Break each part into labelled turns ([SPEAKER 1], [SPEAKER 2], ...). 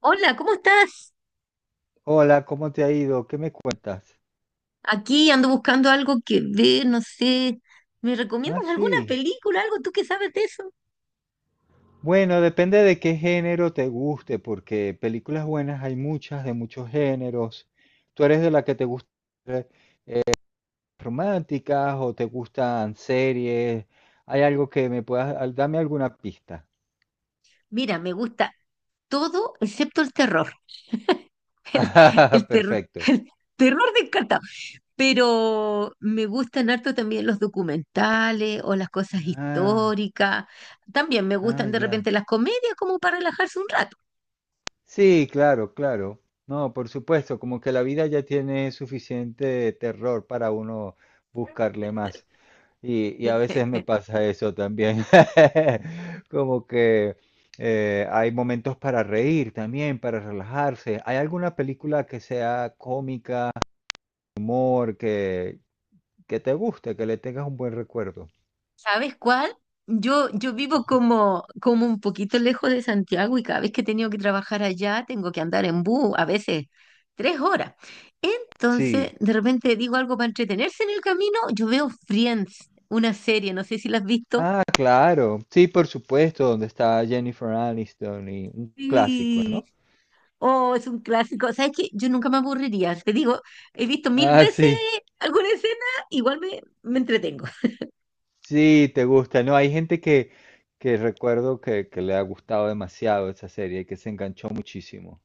[SPEAKER 1] Hola, ¿cómo estás?
[SPEAKER 2] Hola, ¿cómo te ha ido? ¿Qué me cuentas?
[SPEAKER 1] Aquí ando buscando algo que ver, no sé. ¿Me
[SPEAKER 2] Ah,
[SPEAKER 1] recomiendas alguna
[SPEAKER 2] sí.
[SPEAKER 1] película, algo tú que sabes de eso?
[SPEAKER 2] Bueno, depende de qué género te guste, porque películas buenas hay muchas de muchos géneros. ¿Tú eres de la que te gustan románticas o te gustan series? ¿Hay algo que me puedas... Dame alguna pista.
[SPEAKER 1] Mira, me gusta todo excepto el terror. El,
[SPEAKER 2] Ah,
[SPEAKER 1] el terror,
[SPEAKER 2] perfecto.
[SPEAKER 1] el terror me encanta. Pero me gustan harto también los documentales o las cosas
[SPEAKER 2] Ah,
[SPEAKER 1] históricas. También me
[SPEAKER 2] ah,
[SPEAKER 1] gustan de
[SPEAKER 2] ya.
[SPEAKER 1] repente las comedias como para relajarse un rato.
[SPEAKER 2] Sí, claro, claro. No, por supuesto, como que la vida ya tiene suficiente terror para uno buscarle más. Y a veces me pasa eso también. Como que hay momentos para reír también, para relajarse. ¿Hay alguna película que sea cómica, humor, que te guste, que le tengas un buen recuerdo?
[SPEAKER 1] ¿Sabes cuál? Yo vivo como un poquito lejos de Santiago y cada vez que he tenido que trabajar allá tengo que andar en bus, a veces 3 horas. Entonces,
[SPEAKER 2] Sí.
[SPEAKER 1] de repente digo algo para entretenerse en el camino, yo veo Friends, una serie, no sé si la has visto.
[SPEAKER 2] Ah, claro. Sí, por supuesto, donde está Jennifer Aniston y un clásico,
[SPEAKER 1] Sí.
[SPEAKER 2] ¿no?
[SPEAKER 1] Oh, es un clásico. ¿Sabes qué? Yo nunca me aburriría. Te digo, he visto mil
[SPEAKER 2] Ah,
[SPEAKER 1] veces
[SPEAKER 2] sí,
[SPEAKER 1] alguna escena, igual me entretengo.
[SPEAKER 2] sí, te gusta, ¿no? Hay gente que recuerdo que le ha gustado demasiado esa serie, que se enganchó muchísimo.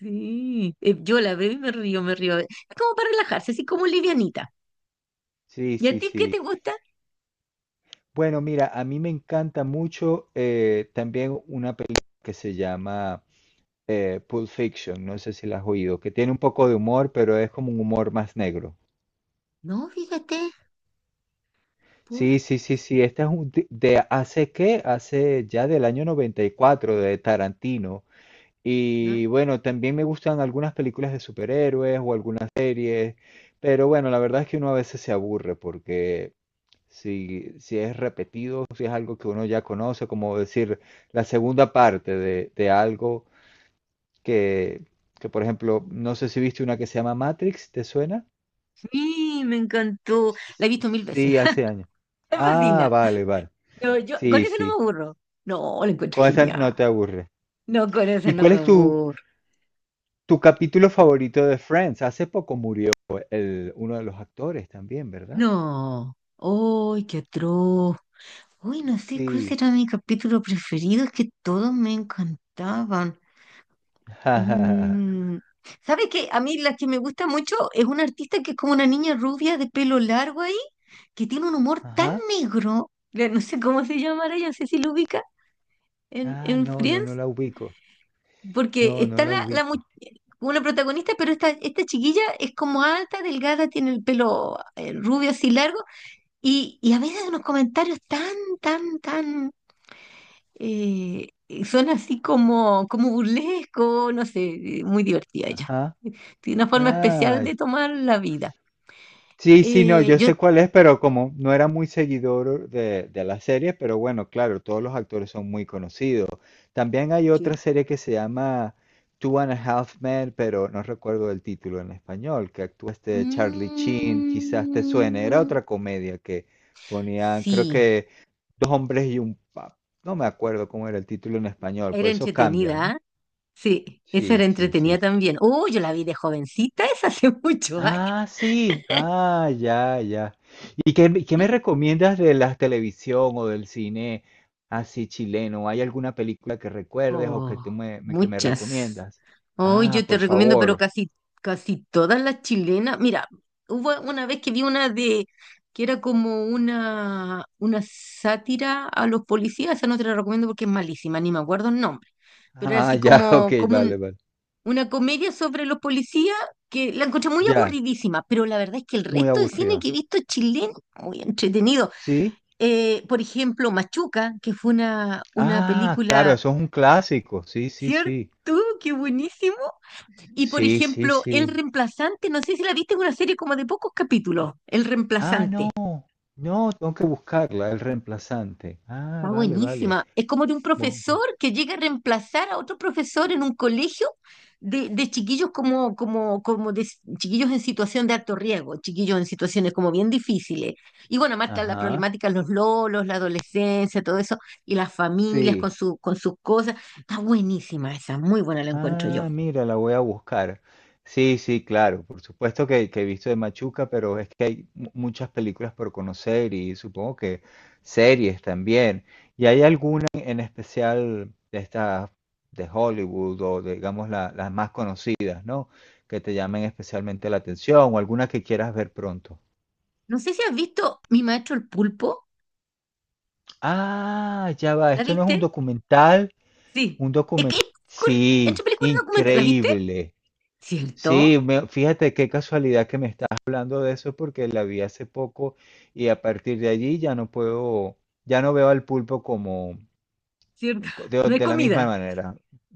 [SPEAKER 1] Sí. Yo la veo y me río, me río. Es como para relajarse, así como livianita.
[SPEAKER 2] Sí,
[SPEAKER 1] ¿Y a
[SPEAKER 2] sí,
[SPEAKER 1] ti qué
[SPEAKER 2] sí.
[SPEAKER 1] te gusta?
[SPEAKER 2] Bueno, mira, a mí me encanta mucho también una película que se llama Pulp Fiction, no sé si la has oído, que tiene un poco de humor, pero es como un humor más negro.
[SPEAKER 1] No, fíjate, Pulp.
[SPEAKER 2] Sí, sí, sí, sí, esta es de hace ya del año 94 de Tarantino.
[SPEAKER 1] ¿Ah?
[SPEAKER 2] Y bueno, también me gustan algunas películas de superhéroes o algunas series, pero bueno, la verdad es que uno a veces se aburre porque si es repetido, si es algo que uno ya conoce, como decir la segunda parte de algo que, que, por ejemplo, no sé si viste una que se llama Matrix, ¿te suena?
[SPEAKER 1] Sí, me encantó.
[SPEAKER 2] Sí,
[SPEAKER 1] La he
[SPEAKER 2] sí.
[SPEAKER 1] visto mil veces.
[SPEAKER 2] Sí, hace años.
[SPEAKER 1] Me
[SPEAKER 2] Ah,
[SPEAKER 1] fascina.
[SPEAKER 2] vale, vale.
[SPEAKER 1] No, yo con
[SPEAKER 2] Sí,
[SPEAKER 1] eso no
[SPEAKER 2] sí.
[SPEAKER 1] me aburro. No, la encuentro
[SPEAKER 2] Con esa
[SPEAKER 1] genial.
[SPEAKER 2] no te aburre.
[SPEAKER 1] No, con eso
[SPEAKER 2] ¿Y
[SPEAKER 1] no
[SPEAKER 2] cuál
[SPEAKER 1] me
[SPEAKER 2] es tu,
[SPEAKER 1] aburro.
[SPEAKER 2] tu capítulo favorito de Friends? Hace poco murió el, uno de los actores también, ¿verdad?
[SPEAKER 1] No. ¡Ay, qué atroz! Uy, no sé cuál
[SPEAKER 2] Sí.
[SPEAKER 1] será mi capítulo preferido. Es que todos me encantaban.
[SPEAKER 2] Ajá.
[SPEAKER 1] Mm. ¿Sabes qué? A mí la que me gusta mucho es una artista que es como una niña rubia de pelo largo ahí, que tiene un humor tan negro, no sé cómo se llamará, yo no sé si lo ubica
[SPEAKER 2] Ah,
[SPEAKER 1] en
[SPEAKER 2] no, no, no
[SPEAKER 1] Friends,
[SPEAKER 2] la ubico.
[SPEAKER 1] porque
[SPEAKER 2] No, no
[SPEAKER 1] está
[SPEAKER 2] la
[SPEAKER 1] la, la mu-
[SPEAKER 2] ubico.
[SPEAKER 1] una protagonista, pero esta chiquilla es como alta, delgada, tiene el pelo rubio así largo, y a veces unos comentarios tan eh, son así como burlesco, no sé, muy divertida ella.
[SPEAKER 2] Ajá.
[SPEAKER 1] Tiene una forma especial
[SPEAKER 2] Ay,
[SPEAKER 1] de tomar la vida.
[SPEAKER 2] sí, sí, no,
[SPEAKER 1] Eh,
[SPEAKER 2] yo
[SPEAKER 1] yo,
[SPEAKER 2] sé cuál es, pero como no era muy seguidor de la serie, pero bueno, claro, todos los actores son muy conocidos. También hay
[SPEAKER 1] Sí.
[SPEAKER 2] otra serie que se llama Two and a Half Men, pero no recuerdo el título en español, que actúa este Charlie Sheen, quizás te suene, era
[SPEAKER 1] Mm,
[SPEAKER 2] otra comedia que ponían, creo
[SPEAKER 1] sí,
[SPEAKER 2] que dos hombres y un pap, no me acuerdo cómo era el título en español,
[SPEAKER 1] era
[SPEAKER 2] pues eso cambia,
[SPEAKER 1] entretenida,
[SPEAKER 2] ¿no?
[SPEAKER 1] ¿ah? Sí, esa
[SPEAKER 2] Sí,
[SPEAKER 1] era
[SPEAKER 2] sí,
[SPEAKER 1] entretenida
[SPEAKER 2] sí.
[SPEAKER 1] también. Oh, yo la vi de jovencita, es hace muchos años.
[SPEAKER 2] Ah, sí. Ah, ya, ya. ¿Y qué, qué me recomiendas de la televisión o del cine así chileno? ¿Hay alguna película que recuerdes o que
[SPEAKER 1] Oh,
[SPEAKER 2] tú que me
[SPEAKER 1] muchas.
[SPEAKER 2] recomiendas?
[SPEAKER 1] Hoy
[SPEAKER 2] Ah,
[SPEAKER 1] yo te
[SPEAKER 2] por
[SPEAKER 1] recomiendo, pero
[SPEAKER 2] favor.
[SPEAKER 1] casi, casi todas las chilenas. Mira, hubo una vez que vi una de que era como una sátira a los policías, esa no te la recomiendo porque es malísima, ni me acuerdo el nombre, pero era
[SPEAKER 2] Ah,
[SPEAKER 1] así
[SPEAKER 2] ya, ok,
[SPEAKER 1] como, como un-
[SPEAKER 2] vale, vale.
[SPEAKER 1] una comedia sobre los policías que la encontré muy
[SPEAKER 2] Ya,
[SPEAKER 1] aburridísima, pero la verdad es que el
[SPEAKER 2] muy
[SPEAKER 1] resto de cine
[SPEAKER 2] aburrido.
[SPEAKER 1] que he visto chileno, muy entretenido.
[SPEAKER 2] ¿Sí?
[SPEAKER 1] Por ejemplo, Machuca, que fue una
[SPEAKER 2] Ah, claro,
[SPEAKER 1] película,
[SPEAKER 2] eso es un clásico. Sí, sí,
[SPEAKER 1] ¿cierto?
[SPEAKER 2] sí.
[SPEAKER 1] Qué buenísima. Y por
[SPEAKER 2] Sí, sí,
[SPEAKER 1] ejemplo, El
[SPEAKER 2] sí.
[SPEAKER 1] Reemplazante, no sé si la viste, es una serie como de pocos capítulos, El
[SPEAKER 2] Ah, no,
[SPEAKER 1] Reemplazante.
[SPEAKER 2] no, tengo que buscarla, el reemplazante. Ah,
[SPEAKER 1] Está
[SPEAKER 2] vale, vale.
[SPEAKER 1] buenísima. Es como de un
[SPEAKER 2] Bueno,
[SPEAKER 1] profesor
[SPEAKER 2] bueno.
[SPEAKER 1] que llega a reemplazar a otro profesor en un colegio de chiquillos como de chiquillos en situación de alto riesgo, chiquillos en situaciones como bien difíciles. Y bueno, más está la
[SPEAKER 2] Ajá.
[SPEAKER 1] problemática, los lolos, la adolescencia, todo eso, y las familias con
[SPEAKER 2] Sí.
[SPEAKER 1] su, con sus cosas. Está buenísima esa, muy buena la encuentro yo.
[SPEAKER 2] Ah, mira, la voy a buscar. Sí, sí, claro, por supuesto que he visto de Machuca, pero es que hay muchas películas por conocer y supongo que series también. ¿Y hay alguna en especial de estas de Hollywood o de, digamos las más conocidas, ¿no? Que te llamen especialmente la atención o alguna que quieras ver pronto.
[SPEAKER 1] No sé si has visto Mi Maestro el Pulpo,
[SPEAKER 2] Ah, ya va,
[SPEAKER 1] ¿la
[SPEAKER 2] esto no es un
[SPEAKER 1] viste?
[SPEAKER 2] documental,
[SPEAKER 1] Sí,
[SPEAKER 2] un
[SPEAKER 1] es que
[SPEAKER 2] documental.
[SPEAKER 1] es película- entre
[SPEAKER 2] Sí,
[SPEAKER 1] película documental, ¿la viste?
[SPEAKER 2] increíble. Sí,
[SPEAKER 1] ¿Cierto?
[SPEAKER 2] fíjate qué casualidad que me estás hablando de eso porque la vi hace poco y a partir de allí ya no puedo, ya no veo al pulpo como
[SPEAKER 1] ¿Cierto?
[SPEAKER 2] de,
[SPEAKER 1] No hay
[SPEAKER 2] de la misma
[SPEAKER 1] comida.
[SPEAKER 2] manera.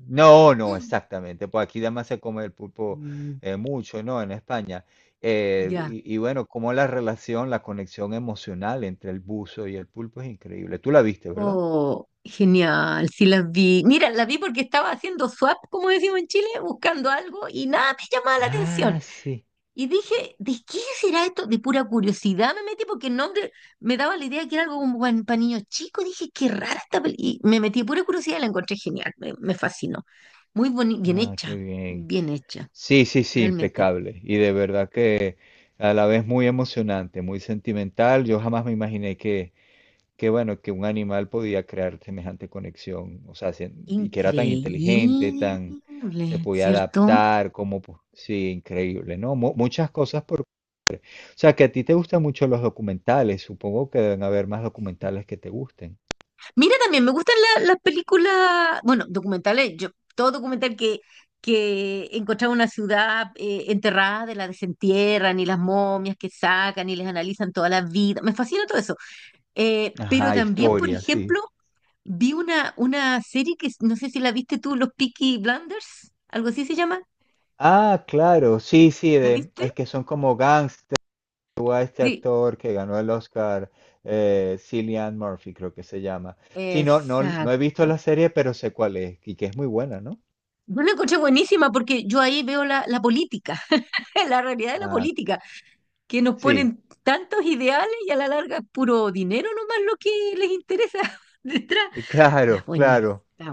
[SPEAKER 2] No, no,
[SPEAKER 1] Mm.
[SPEAKER 2] exactamente. Pues aquí además se come el pulpo
[SPEAKER 1] Mm,
[SPEAKER 2] mucho, ¿no? En España. Eh,
[SPEAKER 1] ya.
[SPEAKER 2] y bueno, como la relación, la conexión emocional entre el buzo y el pulpo es increíble. Tú la viste, ¿verdad?
[SPEAKER 1] Oh, genial, sí la vi. Mira, la vi porque estaba haciendo swap, como decimos en Chile, buscando algo y nada me llamaba la atención.
[SPEAKER 2] Ah, sí.
[SPEAKER 1] Y dije, ¿de qué será esto? De pura curiosidad me metí porque el nombre me daba la idea que era algo como para niños chicos. Dije, qué rara esta película. Y me metí de pura curiosidad y la encontré genial, me fascinó. Bien
[SPEAKER 2] Ah, qué
[SPEAKER 1] hecha,
[SPEAKER 2] bien.
[SPEAKER 1] bien hecha.
[SPEAKER 2] Sí, sí, sí,
[SPEAKER 1] Realmente.
[SPEAKER 2] impecable. Y de verdad que a la vez muy emocionante, muy sentimental. Yo jamás me imaginé que bueno, que un animal podía crear semejante conexión. O sea, y que era tan inteligente, tan, se
[SPEAKER 1] Increíble,
[SPEAKER 2] podía
[SPEAKER 1] ¿cierto?
[SPEAKER 2] adaptar, como, sí, increíble, ¿no? Muchas cosas por... O sea, que a ti te gustan mucho los documentales. Supongo que deben haber más documentales que te gusten.
[SPEAKER 1] Mira, también me gustan las películas, bueno, documentales, yo, todo documental que encontraba una ciudad enterrada, de la desentierran y las momias que sacan y les analizan toda la vida, me fascina todo eso. Pero
[SPEAKER 2] Ajá,
[SPEAKER 1] también, por
[SPEAKER 2] historia, sí.
[SPEAKER 1] ejemplo, vi una serie no sé si la viste tú, Los Peaky Blinders, algo así se llama,
[SPEAKER 2] Ah, claro, sí, sí,
[SPEAKER 1] ¿la
[SPEAKER 2] de,
[SPEAKER 1] viste?
[SPEAKER 2] es que son como tuvo a este
[SPEAKER 1] Sí,
[SPEAKER 2] actor que ganó el Oscar, Cillian Murphy, creo que se llama. Sí, no, no, no he visto
[SPEAKER 1] exacto.
[SPEAKER 2] la serie, pero sé cuál es y que es muy buena, ¿no?
[SPEAKER 1] Yo la encontré buenísima porque yo ahí veo la política, la realidad de la
[SPEAKER 2] Ah,
[SPEAKER 1] política, que nos
[SPEAKER 2] sí,
[SPEAKER 1] ponen tantos ideales y a la larga es puro dinero nomás lo que les interesa detrás. Está
[SPEAKER 2] claro,
[SPEAKER 1] buenísima,
[SPEAKER 2] claro.
[SPEAKER 1] está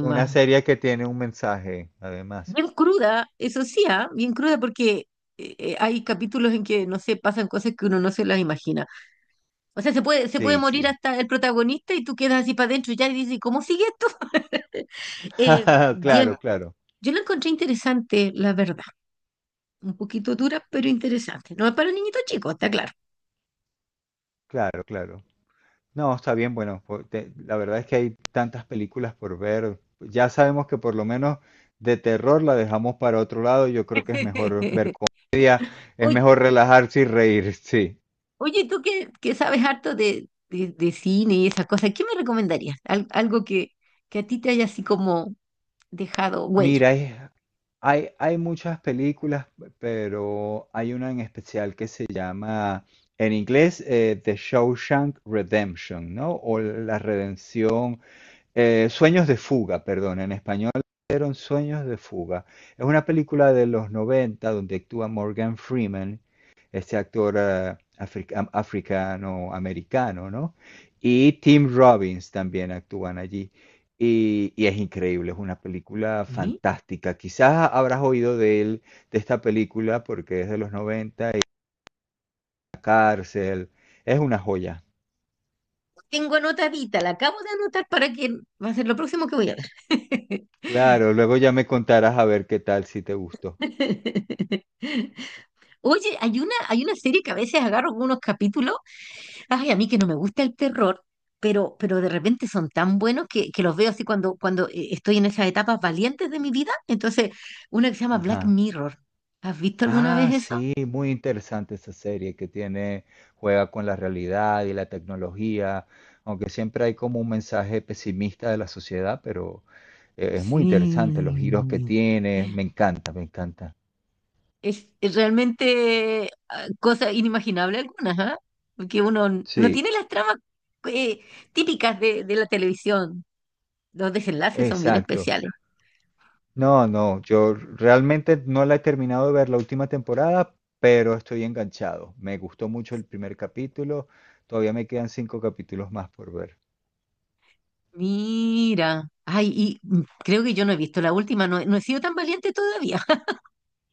[SPEAKER 2] Una serie que tiene un mensaje, además.
[SPEAKER 1] Bien cruda, eso sí, ah, bien cruda porque hay capítulos en que, no sé, pasan cosas que uno no se las imagina. O sea, se puede
[SPEAKER 2] Sí,
[SPEAKER 1] morir
[SPEAKER 2] sí.
[SPEAKER 1] hasta el protagonista y tú quedas así para adentro ya y dices, ¿cómo sigue esto? Eh, bien,
[SPEAKER 2] Claro, claro,
[SPEAKER 1] yo la encontré interesante, la verdad. Un poquito duras, pero interesantes. No es para niñitos chicos, está claro.
[SPEAKER 2] claro, claro. No, está bien, bueno, la verdad es que hay tantas películas por ver. Ya sabemos que por lo menos de terror la dejamos para otro lado. Yo creo que es mejor ver comedia, es
[SPEAKER 1] Oye,
[SPEAKER 2] mejor relajarse y reír, sí.
[SPEAKER 1] oye, tú que sabes harto de, de cine y esas cosas, ¿qué me recomendarías? Algo que a ti te haya así como dejado huella.
[SPEAKER 2] Mira, hay muchas películas, pero hay una en especial que se llama, en inglés, The Shawshank Redemption, ¿no? O La Redención. Sueños de fuga, perdón, en español eran Sueños de fuga. Es una película de los 90 donde actúa Morgan Freeman, este actor africano-americano, ¿no? Y Tim Robbins también actúan allí. Y es increíble, es una película
[SPEAKER 1] Sí.
[SPEAKER 2] fantástica. Quizás habrás oído de él, de esta película, porque es de los 90 y la cárcel. Es una joya.
[SPEAKER 1] Tengo anotadita, la acabo de anotar para que va a ser lo próximo que voy a ver.
[SPEAKER 2] Claro, luego ya me contarás a ver qué tal si te gustó.
[SPEAKER 1] Oye, hay una serie que a veces agarro unos capítulos. Ay, a mí que no me gusta el terror, pero de repente son tan buenos que los veo así cuando estoy en esas etapas valientes de mi vida. Entonces, una que se llama Black
[SPEAKER 2] Ajá.
[SPEAKER 1] Mirror. ¿Has visto alguna
[SPEAKER 2] Ah,
[SPEAKER 1] vez eso?
[SPEAKER 2] sí, muy interesante esa serie que tiene, juega con la realidad y la tecnología, aunque siempre hay como un mensaje pesimista de la sociedad, pero es muy interesante los giros que
[SPEAKER 1] Sí.
[SPEAKER 2] tiene, me encanta, me encanta.
[SPEAKER 1] Es realmente cosa inimaginable algunas, ¿ah? Porque uno no
[SPEAKER 2] Sí,
[SPEAKER 1] tiene las tramas eh, típicas de la televisión. Los desenlaces son bien
[SPEAKER 2] exacto.
[SPEAKER 1] especiales.
[SPEAKER 2] No, no, yo realmente no la he terminado de ver la última temporada, pero estoy enganchado. Me gustó mucho el primer capítulo, todavía me quedan cinco capítulos más por ver.
[SPEAKER 1] Mira. Ay, y creo que yo no he visto la última. No, no he sido tan valiente todavía.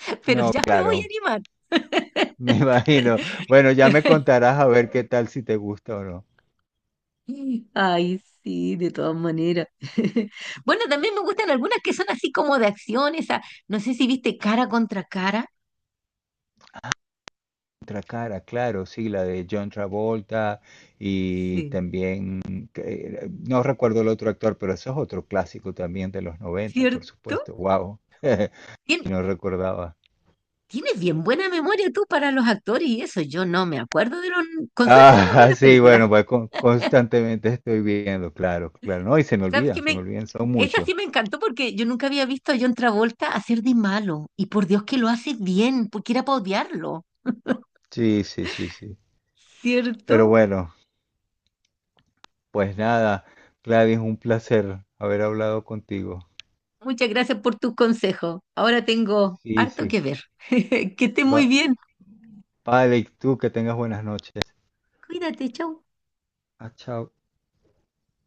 [SPEAKER 1] Pero
[SPEAKER 2] No,
[SPEAKER 1] ya me voy a
[SPEAKER 2] claro,
[SPEAKER 1] animar.
[SPEAKER 2] me imagino. Bueno, ya me contarás a ver qué tal si te gusta o no.
[SPEAKER 1] Ay, sí, de todas maneras. Bueno, también me gustan algunas que son así como de acción, esa, no sé si viste cara contra cara.
[SPEAKER 2] Otra cara, claro, sí, la de John Travolta y
[SPEAKER 1] Sí.
[SPEAKER 2] también, que- no recuerdo el otro actor, pero eso es otro clásico también de los 90 por
[SPEAKER 1] ¿Cierto?
[SPEAKER 2] supuesto. Wow,
[SPEAKER 1] Tien-
[SPEAKER 2] no recordaba.
[SPEAKER 1] tienes bien buena memoria tú para los actores y eso. Yo no me acuerdo con suerte el nombre de
[SPEAKER 2] Ah,
[SPEAKER 1] las
[SPEAKER 2] sí,
[SPEAKER 1] películas.
[SPEAKER 2] bueno, pues constantemente estoy viendo, claro, claro. No, y
[SPEAKER 1] ¿Sabes qué
[SPEAKER 2] se me
[SPEAKER 1] me,
[SPEAKER 2] olvidan, son
[SPEAKER 1] esa
[SPEAKER 2] muchos.
[SPEAKER 1] sí me encantó porque yo nunca había visto a John Travolta hacer de malo. Y por Dios que lo hace bien, porque era para odiarlo.
[SPEAKER 2] Sí, sí, sí, sí. Pero
[SPEAKER 1] ¿Cierto?
[SPEAKER 2] bueno, pues nada, Gladys, un placer haber hablado contigo.
[SPEAKER 1] Muchas gracias por tus consejos. Ahora tengo
[SPEAKER 2] Sí,
[SPEAKER 1] harto
[SPEAKER 2] sí.
[SPEAKER 1] que ver. Que estés muy
[SPEAKER 2] Va,
[SPEAKER 1] bien.
[SPEAKER 2] Vale, y tú que tengas buenas noches.
[SPEAKER 1] Cuídate, chau.
[SPEAKER 2] Ah, chao.